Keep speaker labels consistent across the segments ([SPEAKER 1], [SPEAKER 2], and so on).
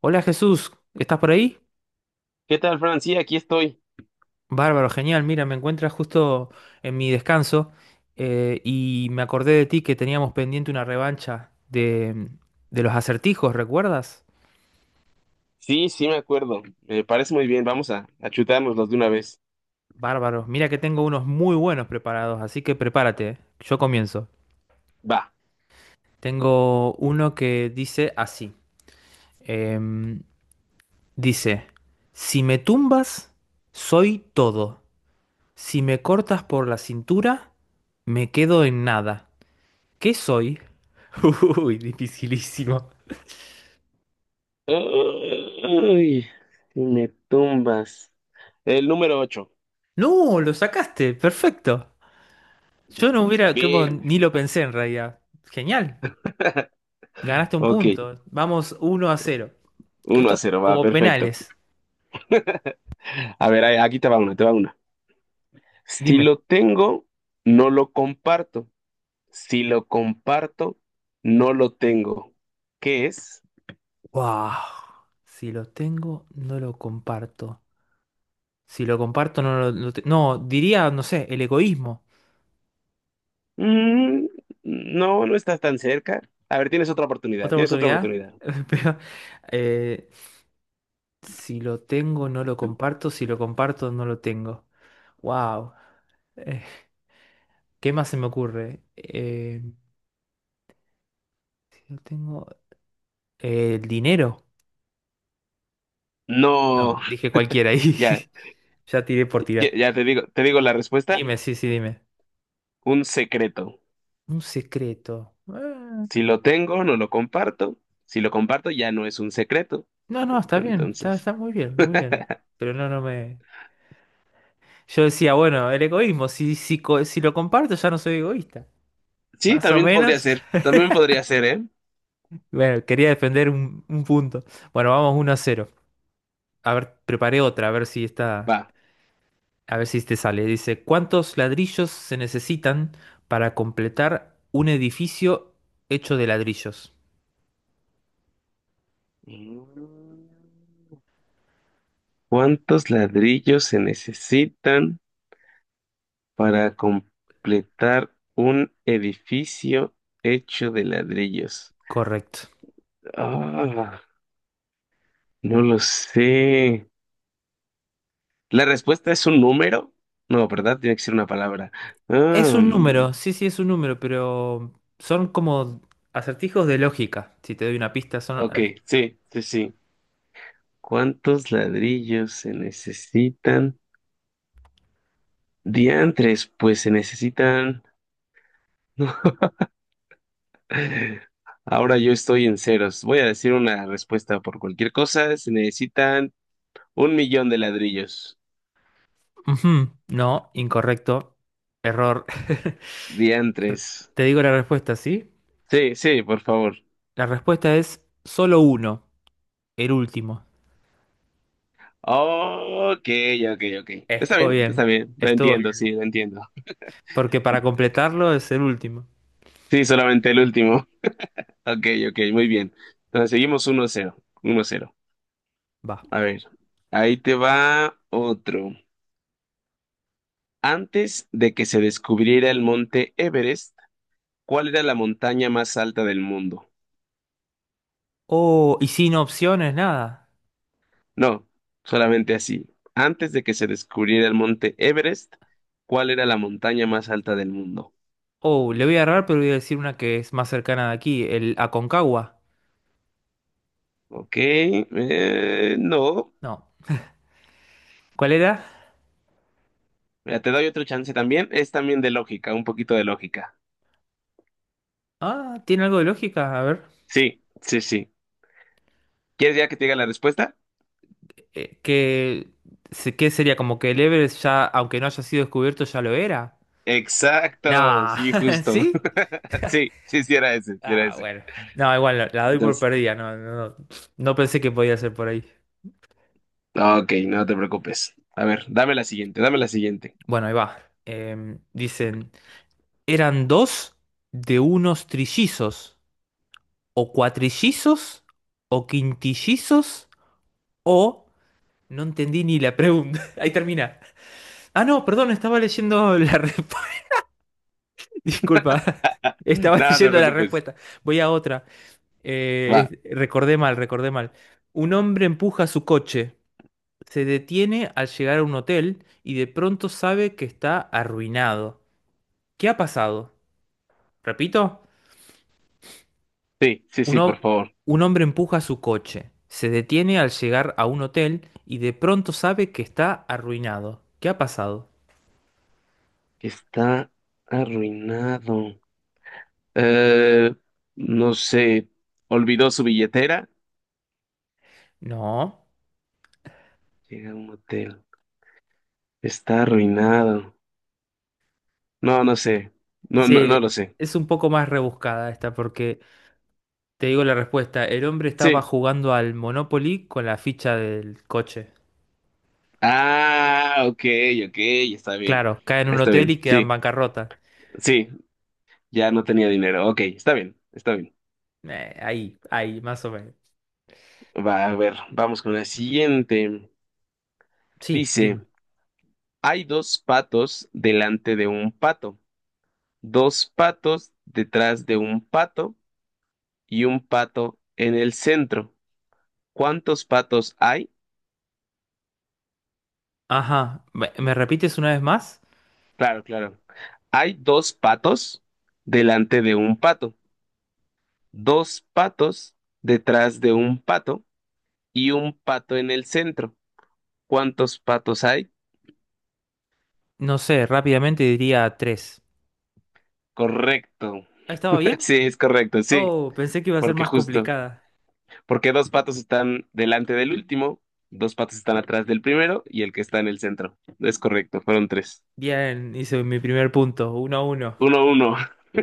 [SPEAKER 1] Hola Jesús, ¿estás por ahí?
[SPEAKER 2] ¿Qué tal, Fran? Sí, aquí estoy.
[SPEAKER 1] Bárbaro, genial. Mira, me encuentras justo en mi descanso y me acordé de ti que teníamos pendiente una revancha de los acertijos, ¿recuerdas?
[SPEAKER 2] Sí, sí, me acuerdo. Me parece muy bien. Vamos a chutárnoslos de una vez.
[SPEAKER 1] Bárbaro, mira que tengo unos muy buenos preparados, así que prepárate. Yo comienzo.
[SPEAKER 2] Va.
[SPEAKER 1] Tengo uno que dice así. em, Dice: si me tumbas, soy todo. Si me cortas por la cintura, me quedo en nada. ¿Qué soy? Uy, dificilísimo.
[SPEAKER 2] Ay, me tumbas. El número 8.
[SPEAKER 1] No, lo sacaste, perfecto. Yo no hubiera, creo,
[SPEAKER 2] Bien.
[SPEAKER 1] ni lo pensé en realidad. Genial, ganaste un
[SPEAKER 2] Ok.
[SPEAKER 1] punto. Vamos 1-0.
[SPEAKER 2] Uno
[SPEAKER 1] Esto
[SPEAKER 2] a
[SPEAKER 1] es
[SPEAKER 2] cero Va,
[SPEAKER 1] como
[SPEAKER 2] perfecto.
[SPEAKER 1] penales.
[SPEAKER 2] A ver, aquí te va una. Si
[SPEAKER 1] Dime.
[SPEAKER 2] lo tengo, no lo comparto. Si lo comparto, no lo tengo. ¿Qué es?
[SPEAKER 1] Wow. Si lo tengo, no lo comparto. Si lo comparto, no, diría, no sé, el egoísmo.
[SPEAKER 2] Mm, no, no estás tan cerca. A ver, tienes otra oportunidad.
[SPEAKER 1] ¿Otra
[SPEAKER 2] Tienes otra
[SPEAKER 1] oportunidad?
[SPEAKER 2] oportunidad.
[SPEAKER 1] Pero, eh, si lo tengo, no lo comparto. Si lo comparto, no lo tengo. Wow. ¿Qué más se me ocurre? Si no tengo... ¿el dinero?
[SPEAKER 2] No.
[SPEAKER 1] No, dije cualquiera ahí.
[SPEAKER 2] Ya,
[SPEAKER 1] Ya tiré por
[SPEAKER 2] Ya,
[SPEAKER 1] tirar.
[SPEAKER 2] ya te digo la respuesta,
[SPEAKER 1] Dime, sí, sí, dime.
[SPEAKER 2] un secreto.
[SPEAKER 1] Un secreto. Ah,
[SPEAKER 2] Si lo tengo, no lo comparto. Si lo comparto, ya no es un secreto.
[SPEAKER 1] no, no, está bien. Está,
[SPEAKER 2] Entonces,
[SPEAKER 1] está muy bien, muy bien. Pero no, no me... Yo decía, bueno, el egoísmo. Si lo comparto, ya no soy egoísta.
[SPEAKER 2] sí,
[SPEAKER 1] Más o menos.
[SPEAKER 2] también podría ser, ¿eh?
[SPEAKER 1] Bueno, quería defender un punto. Bueno, vamos 1-0. A ver, preparé otra, a ver si está...
[SPEAKER 2] Va.
[SPEAKER 1] A ver si te sale. Dice: ¿cuántos ladrillos se necesitan para completar un edificio hecho de ladrillos?
[SPEAKER 2] Mm. ¿Cuántos ladrillos se necesitan para completar un edificio hecho de ladrillos?
[SPEAKER 1] Correcto.
[SPEAKER 2] Ah, no lo sé. La respuesta es un número. No, ¿verdad? Tiene que ser una palabra.
[SPEAKER 1] Es
[SPEAKER 2] Ah,
[SPEAKER 1] un número,
[SPEAKER 2] mm.
[SPEAKER 1] sí, sí, es un número, pero son como acertijos de lógica. Si te doy una pista, son...
[SPEAKER 2] Ok, sí, sí, sí. ¿Cuántos ladrillos se necesitan? Diantres, pues se necesitan. No. Ahora yo estoy en ceros. Voy a decir una respuesta por cualquier cosa. Se necesitan 1 millón de ladrillos.
[SPEAKER 1] Ujú, no, incorrecto. Error.
[SPEAKER 2] Diantres.
[SPEAKER 1] Te digo la respuesta, ¿sí?
[SPEAKER 2] Sí, sí, por favor.
[SPEAKER 1] La respuesta es solo uno, el último.
[SPEAKER 2] Ok, ok, ok. Está
[SPEAKER 1] Estuvo
[SPEAKER 2] bien, está
[SPEAKER 1] bien,
[SPEAKER 2] bien.
[SPEAKER 1] estuvo bien.
[SPEAKER 2] Lo entiendo.
[SPEAKER 1] Porque para completarlo es el último.
[SPEAKER 2] Sí, solamente el último. Ok, ok, muy bien. Entonces seguimos 1-0, 1-0.
[SPEAKER 1] Va.
[SPEAKER 2] A ver, ahí te va otro. Antes de que se descubriera el monte Everest, ¿cuál era la montaña más alta del mundo?
[SPEAKER 1] Oh, y sin opciones, nada.
[SPEAKER 2] No, solamente así. Antes de que se descubriera el monte Everest, ¿cuál era la montaña más alta del mundo?
[SPEAKER 1] Oh, le voy a errar, pero voy a decir una que es más cercana de aquí, el Aconcagua.
[SPEAKER 2] Ok, no.
[SPEAKER 1] No. ¿Cuál era?
[SPEAKER 2] Mira, te doy otro chance también. Es también de lógica, un poquito de lógica.
[SPEAKER 1] Ah, tiene algo de lógica, a ver.
[SPEAKER 2] Sí, sí, sí. ¿Quieres ya que te diga la respuesta?
[SPEAKER 1] Eh, que, ¿Qué sería? Como que el Everest ya, aunque no haya sido descubierto, ya lo era.
[SPEAKER 2] Exacto,
[SPEAKER 1] Nah,
[SPEAKER 2] sí, justo.
[SPEAKER 1] ¿sí?
[SPEAKER 2] Sí, sí, sí era ese, sí era
[SPEAKER 1] Ah,
[SPEAKER 2] ese.
[SPEAKER 1] bueno. No, igual, la doy por
[SPEAKER 2] Entonces.
[SPEAKER 1] perdida, no, no, no. No pensé que podía ser por ahí.
[SPEAKER 2] Ah, ok, no te preocupes. A ver, dame la siguiente, dame la siguiente.
[SPEAKER 1] Bueno, ahí va. Dicen: eran dos de unos trillizos, o cuatrillizos, o quintillizos, o... No entendí ni la pregunta. Ahí termina. Ah, no, perdón, estaba leyendo la respuesta. Disculpa. Estaba
[SPEAKER 2] No te
[SPEAKER 1] leyendo la
[SPEAKER 2] preocupes.
[SPEAKER 1] respuesta. Voy a otra.
[SPEAKER 2] Va.
[SPEAKER 1] Recordé mal, recordé mal. Un hombre empuja su coche. Se detiene al llegar a un hotel y de pronto sabe que está arruinado. ¿Qué ha pasado? Repito,
[SPEAKER 2] Sí, sí,
[SPEAKER 1] un,
[SPEAKER 2] sí, por
[SPEAKER 1] hom-
[SPEAKER 2] favor.
[SPEAKER 1] un hombre empuja su coche. Se detiene al llegar a un hotel y de pronto sabe que está arruinado. ¿Qué ha pasado?
[SPEAKER 2] Está arruinado. Eh, no sé. Olvidó su billetera.
[SPEAKER 1] No.
[SPEAKER 2] Llega a un hotel. Está arruinado. No, no sé. No, no,
[SPEAKER 1] Sí,
[SPEAKER 2] no lo sé.
[SPEAKER 1] es un poco más rebuscada esta porque te digo la respuesta. El hombre estaba
[SPEAKER 2] Sí.
[SPEAKER 1] jugando al Monopoly con la ficha del coche.
[SPEAKER 2] Ah, ok, ok. Está bien.
[SPEAKER 1] Claro, cae en un
[SPEAKER 2] Está
[SPEAKER 1] hotel
[SPEAKER 2] bien.
[SPEAKER 1] y queda en
[SPEAKER 2] Sí,
[SPEAKER 1] bancarrota.
[SPEAKER 2] sí. Ya no tenía dinero. Ok, está bien. Está bien.
[SPEAKER 1] Ahí, ahí, más o menos.
[SPEAKER 2] Va, a ver. Vamos con la siguiente.
[SPEAKER 1] Sí, dime.
[SPEAKER 2] Dice. Hay dos patos delante de un pato, dos patos detrás de un pato y un pato en el centro. ¿Cuántos patos hay?
[SPEAKER 1] Ajá, ¿me repites una vez más?
[SPEAKER 2] Claro, claro. Hay dos patos delante de un pato, dos patos detrás de un pato y un pato en el centro. ¿Cuántos patos hay?
[SPEAKER 1] No sé, rápidamente diría tres.
[SPEAKER 2] Correcto.
[SPEAKER 1] ¿Ah, estaba bien?
[SPEAKER 2] Sí, es correcto, sí,
[SPEAKER 1] Oh, pensé que iba a ser
[SPEAKER 2] porque
[SPEAKER 1] más
[SPEAKER 2] justo.
[SPEAKER 1] complicada.
[SPEAKER 2] Porque dos patos están delante del último, dos patos están atrás del primero y el que está en el centro. Es correcto, fueron tres.
[SPEAKER 1] Bien, hice mi primer punto, 1-1.
[SPEAKER 2] 1-1.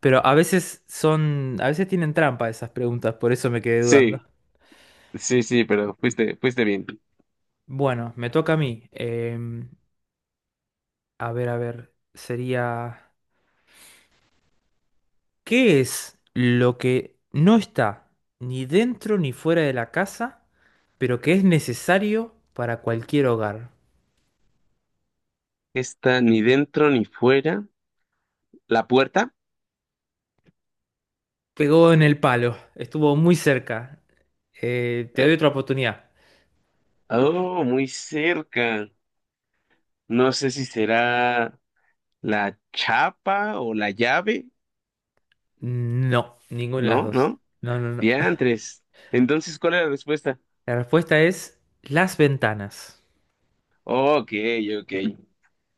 [SPEAKER 1] Pero a veces tienen trampa esas preguntas, por eso me quedé dudando.
[SPEAKER 2] Sí, sí, sí, pero fuiste bien.
[SPEAKER 1] Bueno, me toca a mí. A ver, a ver, sería... ¿Qué es lo que no está ni dentro ni fuera de la casa, pero que es necesario para cualquier hogar?
[SPEAKER 2] Está ni dentro ni fuera. ¿La puerta?
[SPEAKER 1] Pegó en el palo, estuvo muy cerca. Te doy
[SPEAKER 2] eh,
[SPEAKER 1] otra oportunidad.
[SPEAKER 2] oh, muy cerca. No sé si será la chapa o la llave.
[SPEAKER 1] No, ninguna de las
[SPEAKER 2] No,
[SPEAKER 1] dos.
[SPEAKER 2] no.
[SPEAKER 1] No, no, no.
[SPEAKER 2] Diantres. Entonces, ¿cuál es la respuesta?
[SPEAKER 1] La respuesta es las ventanas.
[SPEAKER 2] Ok, ok.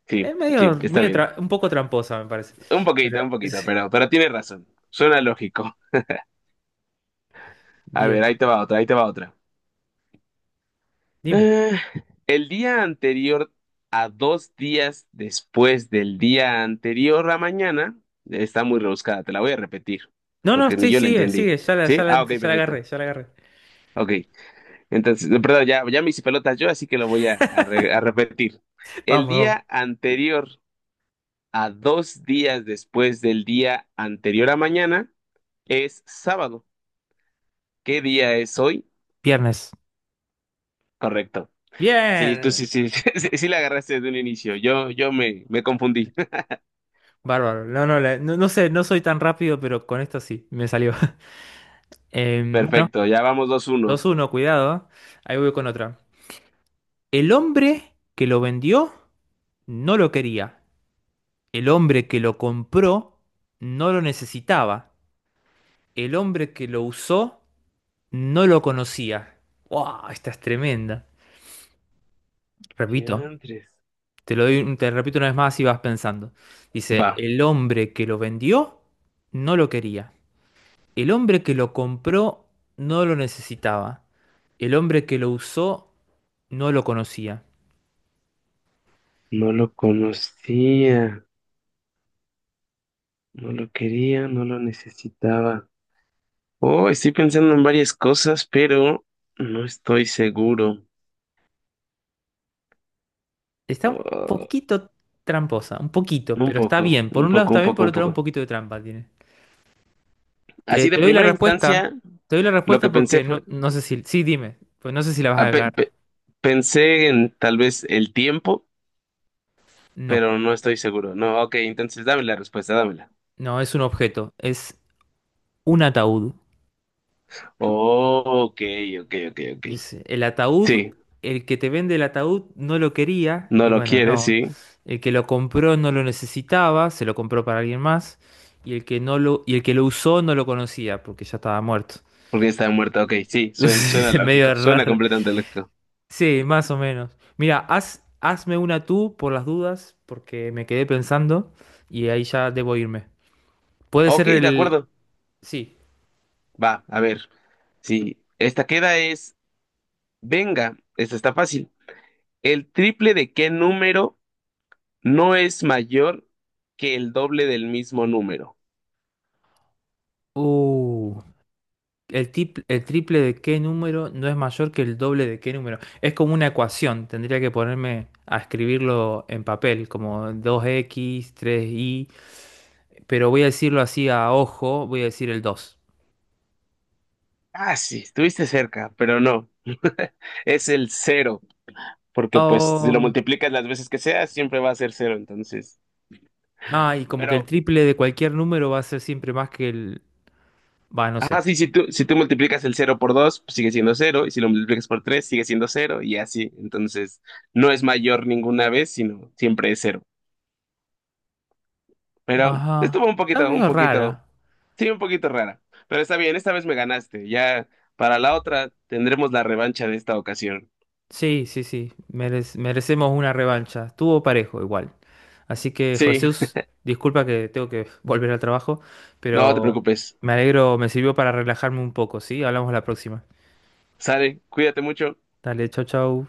[SPEAKER 2] Sí,
[SPEAKER 1] Es
[SPEAKER 2] sí, está bien.
[SPEAKER 1] un poco tramposa, me parece. Pero,
[SPEAKER 2] Un poquito, pero tiene razón. Suena lógico. A ver,
[SPEAKER 1] bien.
[SPEAKER 2] ahí te va otra, ahí te va otra. Eh, el día anterior a dos días después del día anterior a mañana, está muy rebuscada, te la voy a repetir,
[SPEAKER 1] No, no,
[SPEAKER 2] porque ni
[SPEAKER 1] sí,
[SPEAKER 2] yo la
[SPEAKER 1] sigue,
[SPEAKER 2] entendí.
[SPEAKER 1] sigue, ya la,
[SPEAKER 2] ¿Sí?
[SPEAKER 1] ya
[SPEAKER 2] Ah,
[SPEAKER 1] la,
[SPEAKER 2] ok,
[SPEAKER 1] ya la agarré,
[SPEAKER 2] perfecto.
[SPEAKER 1] ya la agarré.
[SPEAKER 2] Ok, entonces, no, perdón, ya, ya me hice pelotas yo, así que lo voy a repetir. El
[SPEAKER 1] Vamos, vamos.
[SPEAKER 2] día anterior a dos días después del día anterior a mañana es sábado. ¿Qué día es hoy?
[SPEAKER 1] Viernes.
[SPEAKER 2] Correcto. Sí, tú sí,
[SPEAKER 1] Bien.
[SPEAKER 2] sí, sí, sí la agarraste desde un inicio. Yo me confundí.
[SPEAKER 1] Bárbaro. No, no, no, no sé, no soy tan rápido, pero con esto sí, me salió. Bueno,
[SPEAKER 2] Perfecto, ya vamos 2-1.
[SPEAKER 1] 2-1, cuidado. ¿Eh? Ahí voy con otra. El hombre que lo vendió no lo quería. El hombre que lo compró no lo necesitaba. El hombre que lo usó no lo conocía. ¡Wow! Esta es tremenda. Repito.
[SPEAKER 2] Diantres.
[SPEAKER 1] Te lo doy, te repito una vez más y vas pensando.
[SPEAKER 2] Va.
[SPEAKER 1] Dice: el hombre que lo vendió no lo quería. El hombre que lo compró no lo necesitaba. El hombre que lo usó no lo conocía.
[SPEAKER 2] No lo conocía, no lo quería, no lo necesitaba. Oh, estoy pensando en varias cosas, pero no estoy seguro.
[SPEAKER 1] Está un
[SPEAKER 2] Oh,
[SPEAKER 1] poquito tramposa, un poquito,
[SPEAKER 2] un
[SPEAKER 1] pero está
[SPEAKER 2] poco,
[SPEAKER 1] bien. Por
[SPEAKER 2] un
[SPEAKER 1] un lado
[SPEAKER 2] poco,
[SPEAKER 1] está
[SPEAKER 2] un
[SPEAKER 1] bien,
[SPEAKER 2] poco,
[SPEAKER 1] por
[SPEAKER 2] un
[SPEAKER 1] otro lado un
[SPEAKER 2] poco.
[SPEAKER 1] poquito de trampa tiene. Te,
[SPEAKER 2] Así de
[SPEAKER 1] te doy la
[SPEAKER 2] primera
[SPEAKER 1] respuesta.
[SPEAKER 2] instancia,
[SPEAKER 1] Te doy la
[SPEAKER 2] lo
[SPEAKER 1] respuesta
[SPEAKER 2] que
[SPEAKER 1] porque
[SPEAKER 2] pensé fue,
[SPEAKER 1] no, no sé si... Sí, dime. Pues no sé si la vas a
[SPEAKER 2] ah,
[SPEAKER 1] agarrar.
[SPEAKER 2] pensé en tal vez el tiempo,
[SPEAKER 1] No,
[SPEAKER 2] pero no estoy seguro. No, ok, entonces dame la respuesta, dámela.
[SPEAKER 1] no, es un objeto. Es un ataúd.
[SPEAKER 2] Oh, ok, ok, ok, ok.
[SPEAKER 1] Dice, el ataúd,
[SPEAKER 2] Sí,
[SPEAKER 1] el que te vende el ataúd no lo quería,
[SPEAKER 2] no
[SPEAKER 1] y
[SPEAKER 2] lo
[SPEAKER 1] bueno,
[SPEAKER 2] quiere,
[SPEAKER 1] no.
[SPEAKER 2] sí,
[SPEAKER 1] El que lo compró no lo necesitaba, se lo compró para alguien más, y el que no lo, y el que lo usó no lo conocía, porque ya estaba muerto.
[SPEAKER 2] porque está muerta. Ok, sí, suena
[SPEAKER 1] Es medio
[SPEAKER 2] lógico, suena
[SPEAKER 1] raro.
[SPEAKER 2] completamente lógico.
[SPEAKER 1] Sí, más o menos. Mira, hazme una tú por las dudas, porque me quedé pensando, y ahí ya debo irme. Puede ser
[SPEAKER 2] Ok, de
[SPEAKER 1] el.
[SPEAKER 2] acuerdo.
[SPEAKER 1] Sí.
[SPEAKER 2] Va, a ver. Sí, esta queda es, venga, esta está fácil. ¿El triple de qué número no es mayor que el doble del mismo número?
[SPEAKER 1] Uh. El triple de qué número no es mayor que el doble de qué número. Es como una ecuación. Tendría que ponerme a escribirlo en papel, como dos x tres y. Pero voy a decirlo así a ojo, voy a decir el 2.
[SPEAKER 2] Ah, sí, estuviste cerca, pero no. Es el cero. Porque pues si lo
[SPEAKER 1] Oh.
[SPEAKER 2] multiplicas las veces que sea, siempre va a ser cero, entonces.
[SPEAKER 1] Ah, y como que el
[SPEAKER 2] Pero,
[SPEAKER 1] triple de cualquier número va a ser siempre más que el... Va, no
[SPEAKER 2] ajá,
[SPEAKER 1] sé.
[SPEAKER 2] sí, si tú multiplicas el cero por dos, pues sigue siendo cero, y si lo multiplicas por tres, sigue siendo cero, y así. Entonces, no es mayor ninguna vez, sino siempre es cero. Pero
[SPEAKER 1] Ajá.
[SPEAKER 2] estuvo
[SPEAKER 1] Está
[SPEAKER 2] un
[SPEAKER 1] medio
[SPEAKER 2] poquito,
[SPEAKER 1] rara.
[SPEAKER 2] sí, un poquito rara. Pero está bien, esta vez me ganaste. Ya para la otra tendremos la revancha de esta ocasión.
[SPEAKER 1] Sí, sí, sí, merecemos una revancha. Estuvo parejo igual. Así que,
[SPEAKER 2] Sí,
[SPEAKER 1] Jesús, disculpa que tengo que volver al trabajo,
[SPEAKER 2] no te
[SPEAKER 1] pero
[SPEAKER 2] preocupes.
[SPEAKER 1] me alegro, me sirvió para relajarme un poco, ¿sí? Hablamos la próxima.
[SPEAKER 2] Sale, cuídate mucho.
[SPEAKER 1] Dale, chau, chau.